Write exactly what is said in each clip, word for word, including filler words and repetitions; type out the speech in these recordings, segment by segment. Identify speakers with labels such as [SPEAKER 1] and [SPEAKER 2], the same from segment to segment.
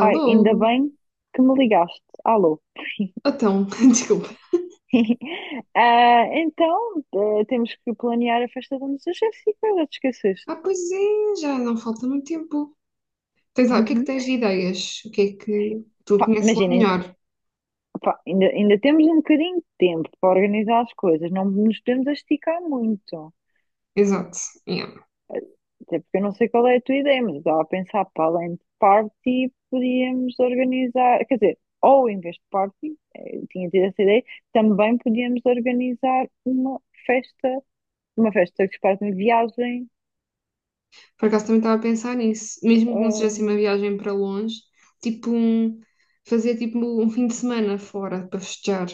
[SPEAKER 1] Ai, ainda bem que me ligaste. Alô.
[SPEAKER 2] Então, desculpa.
[SPEAKER 1] Ah, então, eh, temos que planear a festa da nossa Jéssica, já te esqueceste.
[SPEAKER 2] Ah, pois é, já não falta muito tempo. Tens, lá- o que é que
[SPEAKER 1] Uhum.
[SPEAKER 2] tens de ideias? O que é que tu
[SPEAKER 1] Pá,
[SPEAKER 2] conheces lá
[SPEAKER 1] imaginem,
[SPEAKER 2] melhor?
[SPEAKER 1] pá, ainda, ainda temos um bocadinho de tempo para organizar as coisas, não nos podemos esticar muito.
[SPEAKER 2] Exato. Yeah.
[SPEAKER 1] Até porque eu não sei qual é a tua ideia, mas eu estava a pensar para além de party, podíamos organizar, quer dizer, ou em vez de party, eh, tinha tido essa ideia, também podíamos organizar uma festa, uma festa que se faz em viagem.
[SPEAKER 2] Por acaso também estava a pensar nisso. Mesmo que não seja
[SPEAKER 1] Ah,
[SPEAKER 2] assim uma viagem para longe, tipo um, fazer tipo um fim de semana fora para festejar.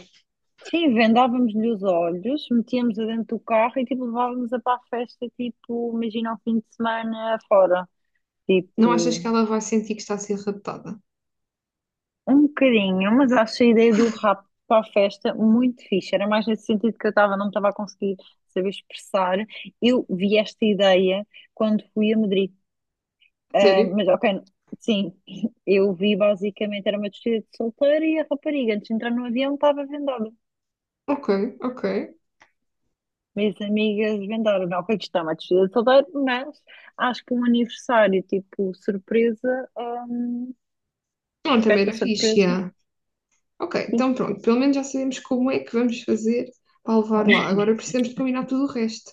[SPEAKER 1] sim, vendávamos-lhe os olhos, metíamos-a dentro do carro e tipo levávamos-a para a festa, tipo, imagina ao fim de semana fora.
[SPEAKER 2] Não achas
[SPEAKER 1] Tipo,
[SPEAKER 2] que ela vai sentir que está a ser raptada?
[SPEAKER 1] um bocadinho, mas acho a ideia do rapto para a festa muito fixe. Era mais nesse sentido que eu estava, não me estava a conseguir saber expressar. Eu vi esta ideia quando fui a Madrid. Ah,
[SPEAKER 2] Sério?
[SPEAKER 1] mas ok, sim, eu vi basicamente, era uma despedida de solteiro e a rapariga, antes de entrar no avião, estava vendada.
[SPEAKER 2] Ok, ok.
[SPEAKER 1] Minhas amigas vendaram-me. Ok, que está uma despedida de solteiro, mas acho que um aniversário tipo surpresa, hum,
[SPEAKER 2] Não,
[SPEAKER 1] de
[SPEAKER 2] também
[SPEAKER 1] festa
[SPEAKER 2] era fixe,
[SPEAKER 1] surpresa.
[SPEAKER 2] yeah. Ok,
[SPEAKER 1] Sim.
[SPEAKER 2] então pronto. Pelo menos já sabemos como é que vamos fazer para levar lá. Agora precisamos de combinar tudo o resto.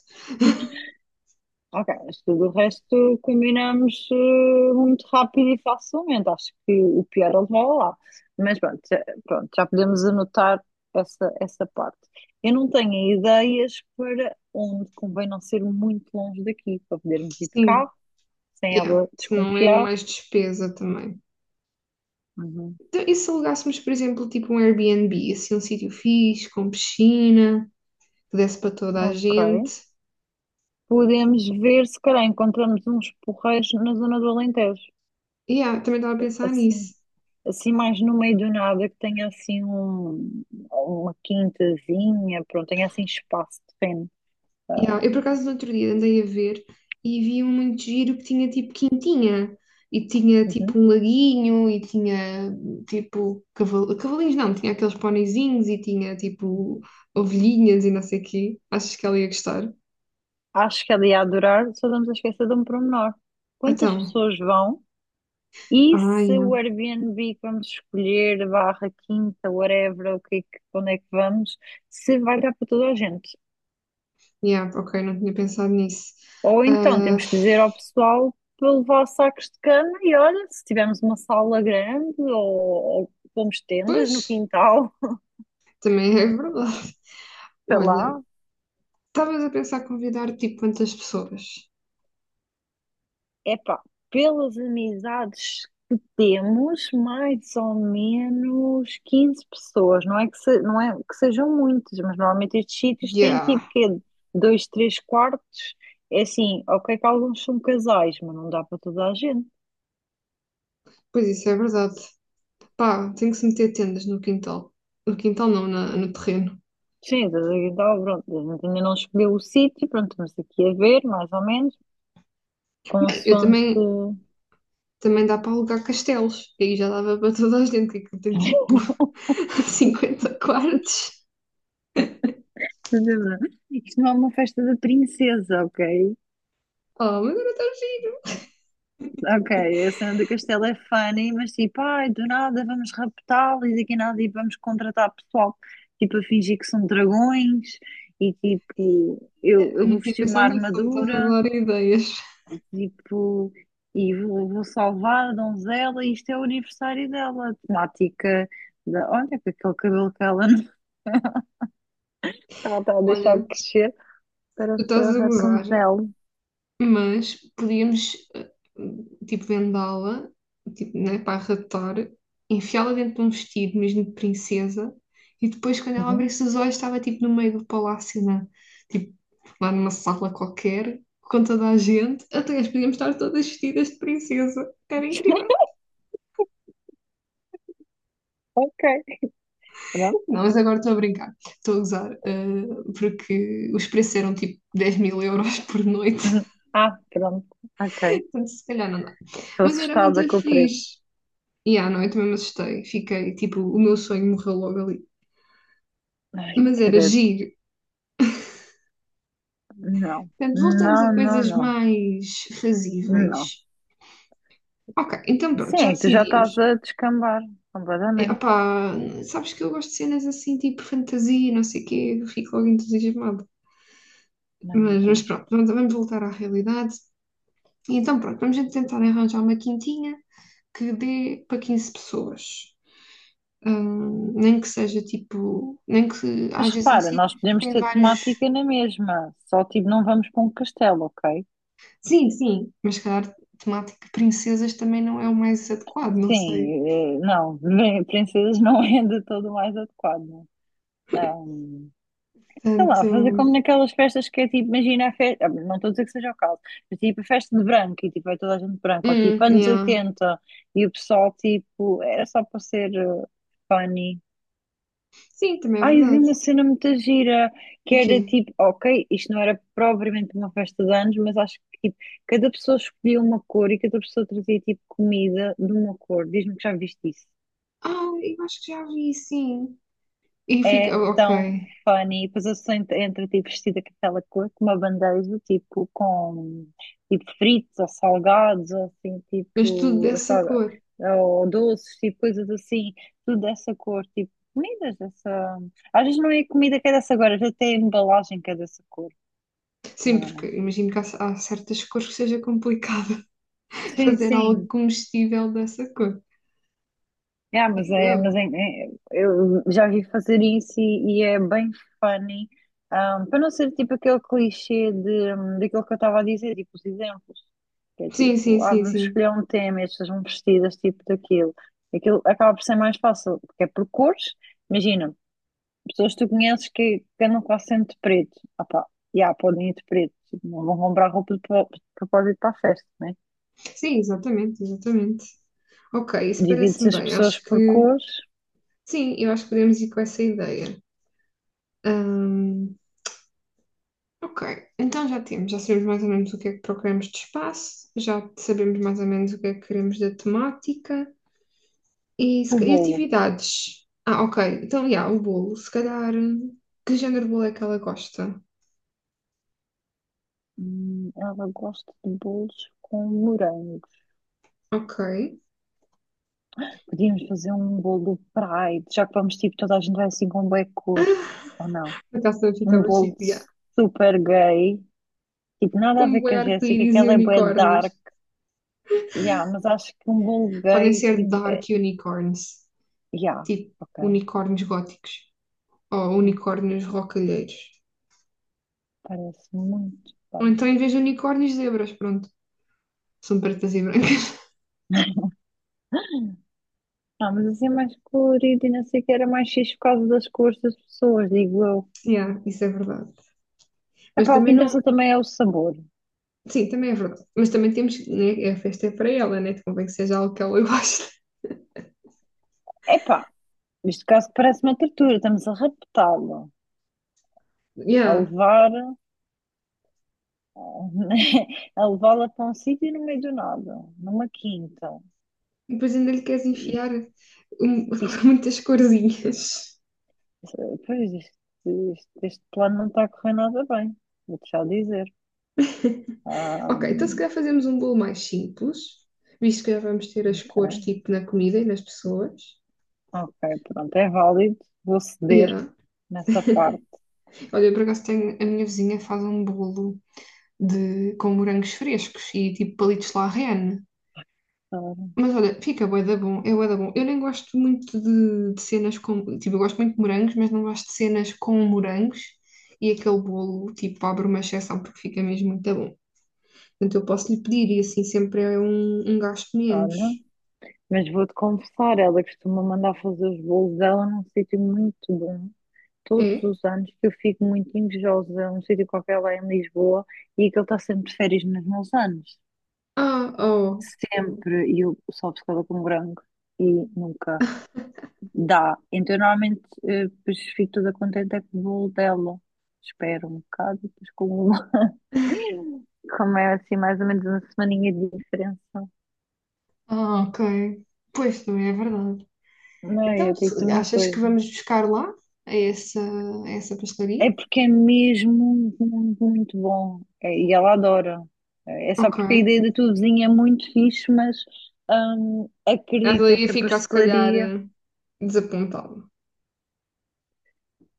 [SPEAKER 1] Ok, mas tudo o resto combinamos eh, muito rápido e facilmente. Acho que o pior é levar lá. Mas pronto, já, pronto, já podemos anotar essa, essa parte. Eu não tenho ideias para onde convém não ser muito longe daqui, para podermos ir de
[SPEAKER 2] Sim,
[SPEAKER 1] carro, sem
[SPEAKER 2] yeah.
[SPEAKER 1] ela
[SPEAKER 2] Se não é
[SPEAKER 1] desconfiar.
[SPEAKER 2] mais despesa também.
[SPEAKER 1] Uhum.
[SPEAKER 2] Então, e se alugássemos, por exemplo, tipo um Airbnb, assim, um sítio fixe, com piscina, que desse para toda a
[SPEAKER 1] Ok.
[SPEAKER 2] gente.
[SPEAKER 1] Podemos ver se calhar encontramos uns porreiros na zona do Alentejo,
[SPEAKER 2] Yeah, também estava a pensar
[SPEAKER 1] assim,
[SPEAKER 2] nisso.
[SPEAKER 1] assim mais no meio do nada, que tenha assim um- uma quintazinha, pronto, tenha assim espaço de terreno.
[SPEAKER 2] Yeah. Eu, por acaso, no outro dia andei a ver e vi um muito giro que tinha tipo quintinha. E tinha tipo
[SPEAKER 1] Uhum.
[SPEAKER 2] um laguinho, e tinha tipo caval- cavalinhos, não, tinha aqueles ponizinhos, e tinha tipo ovelhinhas e não sei o quê. Achas que ela ia gostar?
[SPEAKER 1] Acho que ela ia adorar, só estamos a esquecer de um pormenor. Quantas
[SPEAKER 2] Então,
[SPEAKER 1] pessoas vão e
[SPEAKER 2] ai, ah,
[SPEAKER 1] se o
[SPEAKER 2] yeah.
[SPEAKER 1] Airbnb que vamos escolher, barra quinta, whatever, o que, é que- onde é que vamos, se vai dar para toda a gente?
[SPEAKER 2] Yeah, ok, não tinha pensado nisso.
[SPEAKER 1] Ou então
[SPEAKER 2] Ah,
[SPEAKER 1] temos que dizer ao pessoal para levar sacos de cama e olha, se tivermos uma sala grande ou, ou pomos tendas no
[SPEAKER 2] pois,
[SPEAKER 1] quintal,
[SPEAKER 2] também é verdade.
[SPEAKER 1] sei
[SPEAKER 2] Olha,
[SPEAKER 1] lá.
[SPEAKER 2] estavas a pensar convidar tipo quantas pessoas?
[SPEAKER 1] Epá, pelas amizades que temos, mais ou menos quinze pessoas. Não é que, se- não é que sejam muitas, mas normalmente estes sítios têm
[SPEAKER 2] Yeah,
[SPEAKER 1] tipo quê? Dois, três quartos. É assim, ok que alguns são casais, mas não dá para toda a gente.
[SPEAKER 2] pois isso é verdade. Pá, tem que se meter tendas no quintal. No quintal não, na- no terreno.
[SPEAKER 1] Sim, da Aguinaldo, pronto, a gente ainda não escolheu o sítio, pronto, estamos aqui a ver, mais ou menos,
[SPEAKER 2] Eu
[SPEAKER 1] consoante.
[SPEAKER 2] também, também dá para alugar castelos. Aí já dava para toda a gente, que aquilo tem tipo cinquenta quartos.
[SPEAKER 1] Estás a ver? Isto não é uma festa da princesa, ok?
[SPEAKER 2] Oh, mas era tão giro.
[SPEAKER 1] Ok, a cena do castelo é funny, mas tipo, ai, do nada vamos raptá-lo e daqui a nada e vamos contratar pessoal, tipo, a fingir que são dragões e tipo, eu,
[SPEAKER 2] Ai,
[SPEAKER 1] eu vou
[SPEAKER 2] não tinha
[SPEAKER 1] vestir uma
[SPEAKER 2] pensado nisso, só me estás a
[SPEAKER 1] armadura.
[SPEAKER 2] dar ideias.
[SPEAKER 1] Tipo, e vou, vou salvar a donzela, e isto é o aniversário dela. Temática da. Olha, com aquele cabelo que ela não ela está a deixar
[SPEAKER 2] Olha,
[SPEAKER 1] crescer,
[SPEAKER 2] tu
[SPEAKER 1] parece
[SPEAKER 2] estás
[SPEAKER 1] a
[SPEAKER 2] a gozar,
[SPEAKER 1] Rapunzel.
[SPEAKER 2] mas podíamos, eh, tipo, vendá-la, tipo, né, para arredar, enfiá-la dentro de um vestido mesmo de princesa, e depois, quando ela
[SPEAKER 1] Uhum.
[SPEAKER 2] abrisse os olhos, estava, tipo, no meio do palácio, né? Tipo, lá numa sala qualquer, com toda a gente, até as podíamos estar todas vestidas de princesa. Era incrível.
[SPEAKER 1] Ok, pronto.
[SPEAKER 2] Não, mas agora estou a brincar, estou a gozar, eh, porque os preços eram, tipo, dez mil euros por noite,
[SPEAKER 1] Uhum. Ah, pronto, ok.
[SPEAKER 2] portanto, se calhar não dá.
[SPEAKER 1] Estou
[SPEAKER 2] Mas era
[SPEAKER 1] assustada
[SPEAKER 2] muito
[SPEAKER 1] com o preço.
[SPEAKER 2] fixe. E à noite mesmo assustei. Fiquei, tipo, o meu sonho morreu logo ali.
[SPEAKER 1] Ai,
[SPEAKER 2] Mas era
[SPEAKER 1] credo,
[SPEAKER 2] giro.
[SPEAKER 1] não,
[SPEAKER 2] Portanto, voltamos a
[SPEAKER 1] não, não,
[SPEAKER 2] coisas
[SPEAKER 1] não,
[SPEAKER 2] mais
[SPEAKER 1] não.
[SPEAKER 2] fazíveis. Ok, então pronto, já
[SPEAKER 1] Sim, tu já estás
[SPEAKER 2] decidimos.
[SPEAKER 1] a descambar
[SPEAKER 2] É,
[SPEAKER 1] completamente.
[SPEAKER 2] opá, sabes que eu gosto de cenas assim, tipo fantasia, não sei o quê, eu fico logo entusiasmada.
[SPEAKER 1] Ai, meu
[SPEAKER 2] Mas, mas
[SPEAKER 1] Deus.
[SPEAKER 2] pronto, vamos, vamos voltar à realidade. E então pronto, vamos então tentar arranjar uma quintinha que dê para quinze pessoas. Hum, nem que seja tipo, nem que
[SPEAKER 1] Mas
[SPEAKER 2] haja
[SPEAKER 1] repara, nós
[SPEAKER 2] sítios que
[SPEAKER 1] podemos
[SPEAKER 2] têm
[SPEAKER 1] ter
[SPEAKER 2] vários.
[SPEAKER 1] temática na mesma, só tipo não vamos para um castelo, ok?
[SPEAKER 2] Sim, sim, mas se calhar temática princesas também não é o mais adequado, não sei.
[SPEAKER 1] Sim, eh, não, princesas não é de todo o mais adequado. Ahm, Sei lá,
[SPEAKER 2] Portanto,
[SPEAKER 1] fazer como naquelas festas que é tipo, imagina a festa, não estou a dizer que seja o caso, mas tipo a festa de branco e tipo é toda a gente branca, ou tipo
[SPEAKER 2] hum,
[SPEAKER 1] anos
[SPEAKER 2] yeah.
[SPEAKER 1] oitenta e o pessoal tipo, era só para ser eh, funny.
[SPEAKER 2] Sim, também é
[SPEAKER 1] Ai, eu vi
[SPEAKER 2] verdade.
[SPEAKER 1] uma cena muito gira que
[SPEAKER 2] O
[SPEAKER 1] era
[SPEAKER 2] quê?
[SPEAKER 1] tipo, ok, isto não era propriamente uma festa de anos, mas acho que tipo, cada pessoa escolhia uma cor e cada pessoa trazia tipo comida de uma cor. Diz-me que já viste isso.
[SPEAKER 2] Ah, eu acho que já vi, sim. E fica,
[SPEAKER 1] É
[SPEAKER 2] oh,
[SPEAKER 1] tão
[SPEAKER 2] ok,
[SPEAKER 1] funny. E depois eu sou entre, entre tipo vestida com aquela cor, com uma bandeja, tipo com tipo fritos ou salgados, ou assim, tipo
[SPEAKER 2] mas tudo
[SPEAKER 1] ou
[SPEAKER 2] dessa
[SPEAKER 1] salga-
[SPEAKER 2] cor.
[SPEAKER 1] ou doces, tipo coisas assim, tudo dessa cor, tipo comidas dessa. Às vezes não é comida que é dessa cor, às vezes até a embalagem que é dessa cor.
[SPEAKER 2] Sim, porque
[SPEAKER 1] Mas.
[SPEAKER 2] imagino que há, há certas cores que seja complicado
[SPEAKER 1] Sim,
[SPEAKER 2] fazer algo
[SPEAKER 1] sim.
[SPEAKER 2] comestível dessa cor.
[SPEAKER 1] É, mas
[SPEAKER 2] Digo
[SPEAKER 1] é,
[SPEAKER 2] eu.
[SPEAKER 1] mas é, é- eu já vi fazer isso e, e é bem funny, ahm, para não ser tipo aquele clichê de, hum, daquilo que eu estava a dizer, tipo os exemplos, que é
[SPEAKER 2] Sim, sim,
[SPEAKER 1] tipo, ah,
[SPEAKER 2] sim,
[SPEAKER 1] vamos
[SPEAKER 2] sim.
[SPEAKER 1] escolher um tema e as pessoas vão vestidas tipo daquilo. Aquilo acaba por ser mais fácil, porque é por cores, imagina, pessoas que tu conheces que, que andam quase sempre de preto, ah pá, já, podem ir de preto, tipo, não vão comprar roupa de pro- de propósito para a festa, né?
[SPEAKER 2] Sim, exatamente, exatamente. Ok, isso
[SPEAKER 1] Divide-se
[SPEAKER 2] parece-me
[SPEAKER 1] as
[SPEAKER 2] bem.
[SPEAKER 1] pessoas
[SPEAKER 2] Acho
[SPEAKER 1] por
[SPEAKER 2] que,
[SPEAKER 1] cores,
[SPEAKER 2] sim, eu acho que podemos ir com essa ideia. Hum, ok, então já temos, já sabemos mais ou menos o que é que procuramos de espaço, já sabemos mais ou menos o que é que queremos da temática e, se
[SPEAKER 1] o
[SPEAKER 2] ca- e
[SPEAKER 1] bolo.
[SPEAKER 2] atividades. Ah, ok, então, já, o bolo, se calhar, hum, que género de bolo é que ela gosta?
[SPEAKER 1] Hum, ela gosta de bolos com morangos.
[SPEAKER 2] Ok,
[SPEAKER 1] Podíamos fazer um bolo Pride, já que vamos tipo, toda a gente vai assim com bué cor, ou não?
[SPEAKER 2] a taça
[SPEAKER 1] Um
[SPEAKER 2] ficava
[SPEAKER 1] bolo
[SPEAKER 2] chique, já.
[SPEAKER 1] super gay, tipo, nada a
[SPEAKER 2] Com
[SPEAKER 1] ver
[SPEAKER 2] bué
[SPEAKER 1] com a Jéssica,
[SPEAKER 2] arco-íris
[SPEAKER 1] que
[SPEAKER 2] e
[SPEAKER 1] ela é bué
[SPEAKER 2] unicórnios.
[SPEAKER 1] dark, yeah, mas acho que um bolo
[SPEAKER 2] Podem
[SPEAKER 1] gay,
[SPEAKER 2] ser
[SPEAKER 1] tipo,
[SPEAKER 2] dark unicorns,
[SPEAKER 1] yeah,
[SPEAKER 2] tipo
[SPEAKER 1] ok,
[SPEAKER 2] unicórnios góticos ou
[SPEAKER 1] yeah,
[SPEAKER 2] unicórnios rocalheiros.
[SPEAKER 1] parece muito
[SPEAKER 2] Ou
[SPEAKER 1] bem.
[SPEAKER 2] então, em vez de unicórnios, zebras, pronto, são pretas e brancas.
[SPEAKER 1] Ah, mas assim é mais colorido e não sei o que, era mais fixe por causa das cores das pessoas, digo eu.
[SPEAKER 2] Yeah, isso é verdade. Mas
[SPEAKER 1] Epá, o que
[SPEAKER 2] também
[SPEAKER 1] interessa
[SPEAKER 2] não.
[SPEAKER 1] também é o sabor.
[SPEAKER 2] Sim, também é verdade. Mas também temos. Né, a festa é para ela, né? Convém que seja algo que ela goste.
[SPEAKER 1] Epá, neste caso parece uma tortura, estamos a raptá-lo, a
[SPEAKER 2] Yeah.
[SPEAKER 1] levar, a levá-la para um sítio no meio do nada, numa quinta.
[SPEAKER 2] E depois ainda lhe queres enfiar
[SPEAKER 1] Isto,
[SPEAKER 2] um-
[SPEAKER 1] isto,
[SPEAKER 2] muitas corzinhas.
[SPEAKER 1] pois isto, isto- Este plano não está a correr nada bem, vou-te já dizer. Ah,
[SPEAKER 2] Ok, então se
[SPEAKER 1] hum,
[SPEAKER 2] calhar fazemos um bolo mais simples, visto que já vamos ter as cores
[SPEAKER 1] ok,
[SPEAKER 2] tipo na comida e nas pessoas.
[SPEAKER 1] ok, pronto, é válido, vou ceder
[SPEAKER 2] Yeah.
[SPEAKER 1] nessa parte.
[SPEAKER 2] Olha, eu por acaso tenho. A minha vizinha faz um bolo de, com morangos frescos e tipo palitos de la reine.
[SPEAKER 1] Ah,
[SPEAKER 2] Mas olha, fica bué da bom, é bué da bom. Eu nem gosto muito de, de cenas com, tipo, eu gosto muito de morangos, mas não gosto de cenas com morangos e aquele bolo, tipo, abre uma exceção porque fica mesmo muito bom. Portanto, eu posso lhe pedir e assim sempre é um, um gasto menos.
[SPEAKER 1] olha, mas vou-te confessar, ela costuma mandar fazer os bolos dela num sítio muito bom todos
[SPEAKER 2] É?
[SPEAKER 1] os anos que eu fico muito invejosa a um sítio qualquer lá em Lisboa e que ele está sempre de férias nos meus anos.
[SPEAKER 2] Ah, oh,
[SPEAKER 1] Sempre. E eu sou obcecada com branco e nunca dá. Então, eu normalmente, eh, depois fico toda contente é com o bolo dela. Espero um bocado e depois como, como é assim, mais ou menos uma semaninha de diferença.
[SPEAKER 2] ah, ok. Pois, também é verdade.
[SPEAKER 1] Não, eu
[SPEAKER 2] Então,
[SPEAKER 1] digo-te
[SPEAKER 2] se-
[SPEAKER 1] uma
[SPEAKER 2] achas
[SPEAKER 1] coisa.
[SPEAKER 2] que vamos buscar lá, a essa, a essa pastelaria?
[SPEAKER 1] É porque é mesmo muito, muito bom. É, e ela adora. É é só
[SPEAKER 2] Ok.
[SPEAKER 1] porque a ideia da tua vizinha é muito fixe, mas hum,
[SPEAKER 2] Ela
[SPEAKER 1] acredito,
[SPEAKER 2] ia
[SPEAKER 1] esta
[SPEAKER 2] ficar, se calhar,
[SPEAKER 1] pastelaria.
[SPEAKER 2] eh, desapontada.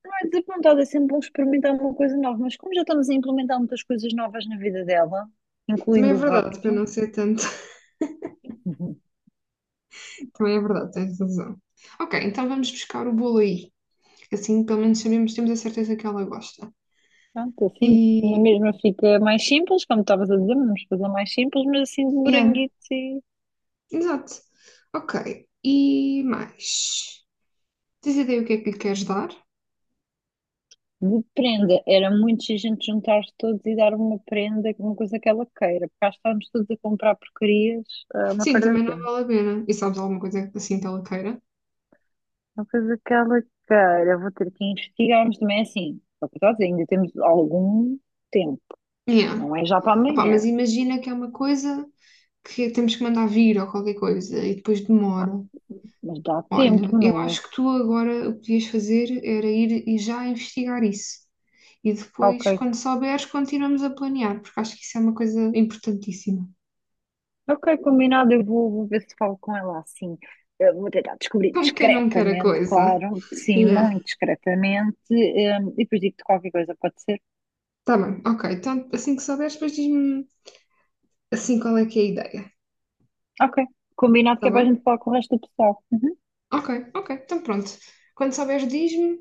[SPEAKER 1] Não é desapontada, é sempre bom experimentar uma coisa nova, mas como já estamos a implementar muitas coisas novas na vida dela,
[SPEAKER 2] Também é
[SPEAKER 1] incluindo o
[SPEAKER 2] verdade, para
[SPEAKER 1] rapto,
[SPEAKER 2] não ser tanto.
[SPEAKER 1] uhum,
[SPEAKER 2] Também é verdade, tens razão. Ok, então vamos buscar o bolo aí. Que assim, pelo menos sabemos, temos a certeza que ela gosta.
[SPEAKER 1] pronto, assim, na
[SPEAKER 2] E.
[SPEAKER 1] mesma fica mais simples, como estavas a dizer, vamos fazer mais simples, mas assim de
[SPEAKER 2] Yeah,
[SPEAKER 1] moranguito.
[SPEAKER 2] exato. Ok, e mais? Tens ideia o que é que lhe queres dar?
[SPEAKER 1] De prenda, era muito giro a gente juntar-se todos e dar uma prenda, uma coisa que ela queira, porque cá estávamos todos a comprar porcarias, ah, uma
[SPEAKER 2] Sim,
[SPEAKER 1] perda
[SPEAKER 2] também
[SPEAKER 1] de
[SPEAKER 2] não
[SPEAKER 1] tempo.
[SPEAKER 2] vale a pena. E sabes alguma coisa assim que ela queira?
[SPEAKER 1] Uma coisa que ela queira, vou ter que investigar, mas também é assim, só que eu estou a dizer, ainda temos algum tempo,
[SPEAKER 2] Yeah.
[SPEAKER 1] não é já para
[SPEAKER 2] Opá, mas
[SPEAKER 1] amanhã.
[SPEAKER 2] imagina que é uma coisa que temos que mandar vir ou qualquer coisa e depois
[SPEAKER 1] Ah,
[SPEAKER 2] demora.
[SPEAKER 1] mas dá
[SPEAKER 2] Olha,
[SPEAKER 1] tempo,
[SPEAKER 2] eu
[SPEAKER 1] não?
[SPEAKER 2] acho que tu agora o que podias fazer era ir e já investigar isso. E
[SPEAKER 1] É? Ok,
[SPEAKER 2] depois, quando souberes, continuamos a planear, porque acho que isso é uma coisa importantíssima.
[SPEAKER 1] ok, combinado, eu vou, vou ver se falo com ela assim. Eu vou tentar descobrir
[SPEAKER 2] Como quem não quer a
[SPEAKER 1] discretamente,
[SPEAKER 2] coisa.
[SPEAKER 1] claro, sim,
[SPEAKER 2] Yeah.
[SPEAKER 1] muito discretamente, eh, e depois digo-te qualquer coisa, pode ser?
[SPEAKER 2] Tá bem, ok. Então, assim que souberes, depois diz-me assim qual é que é a ideia.
[SPEAKER 1] Ok. Combinado
[SPEAKER 2] Tá
[SPEAKER 1] que é para a
[SPEAKER 2] bem?
[SPEAKER 1] gente falar com o resto do pessoal. Uhum.
[SPEAKER 2] Ok, ok. Então pronto. Quando souberes, diz-me.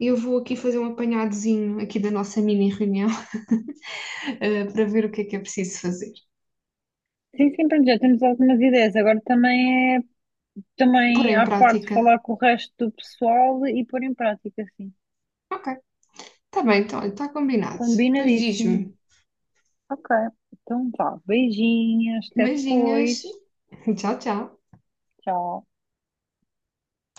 [SPEAKER 2] Eu vou aqui fazer um apanhadozinho aqui da nossa mini reunião, eh, para ver o que é que é preciso fazer.
[SPEAKER 1] Sim, sim, pronto, já temos algumas ideias. Agora também é,
[SPEAKER 2] Pôr
[SPEAKER 1] também
[SPEAKER 2] em
[SPEAKER 1] à parte,
[SPEAKER 2] prática.
[SPEAKER 1] falar com o resto do pessoal e pôr em prática, sim.
[SPEAKER 2] Ok. Tá bem, então, está combinado. Depois
[SPEAKER 1] Combinadíssimo.
[SPEAKER 2] diz-me.
[SPEAKER 1] Ok. Então vá. Beijinhos. Até
[SPEAKER 2] Beijinhos.
[SPEAKER 1] depois.
[SPEAKER 2] Tchau, tchau.
[SPEAKER 1] Tchau.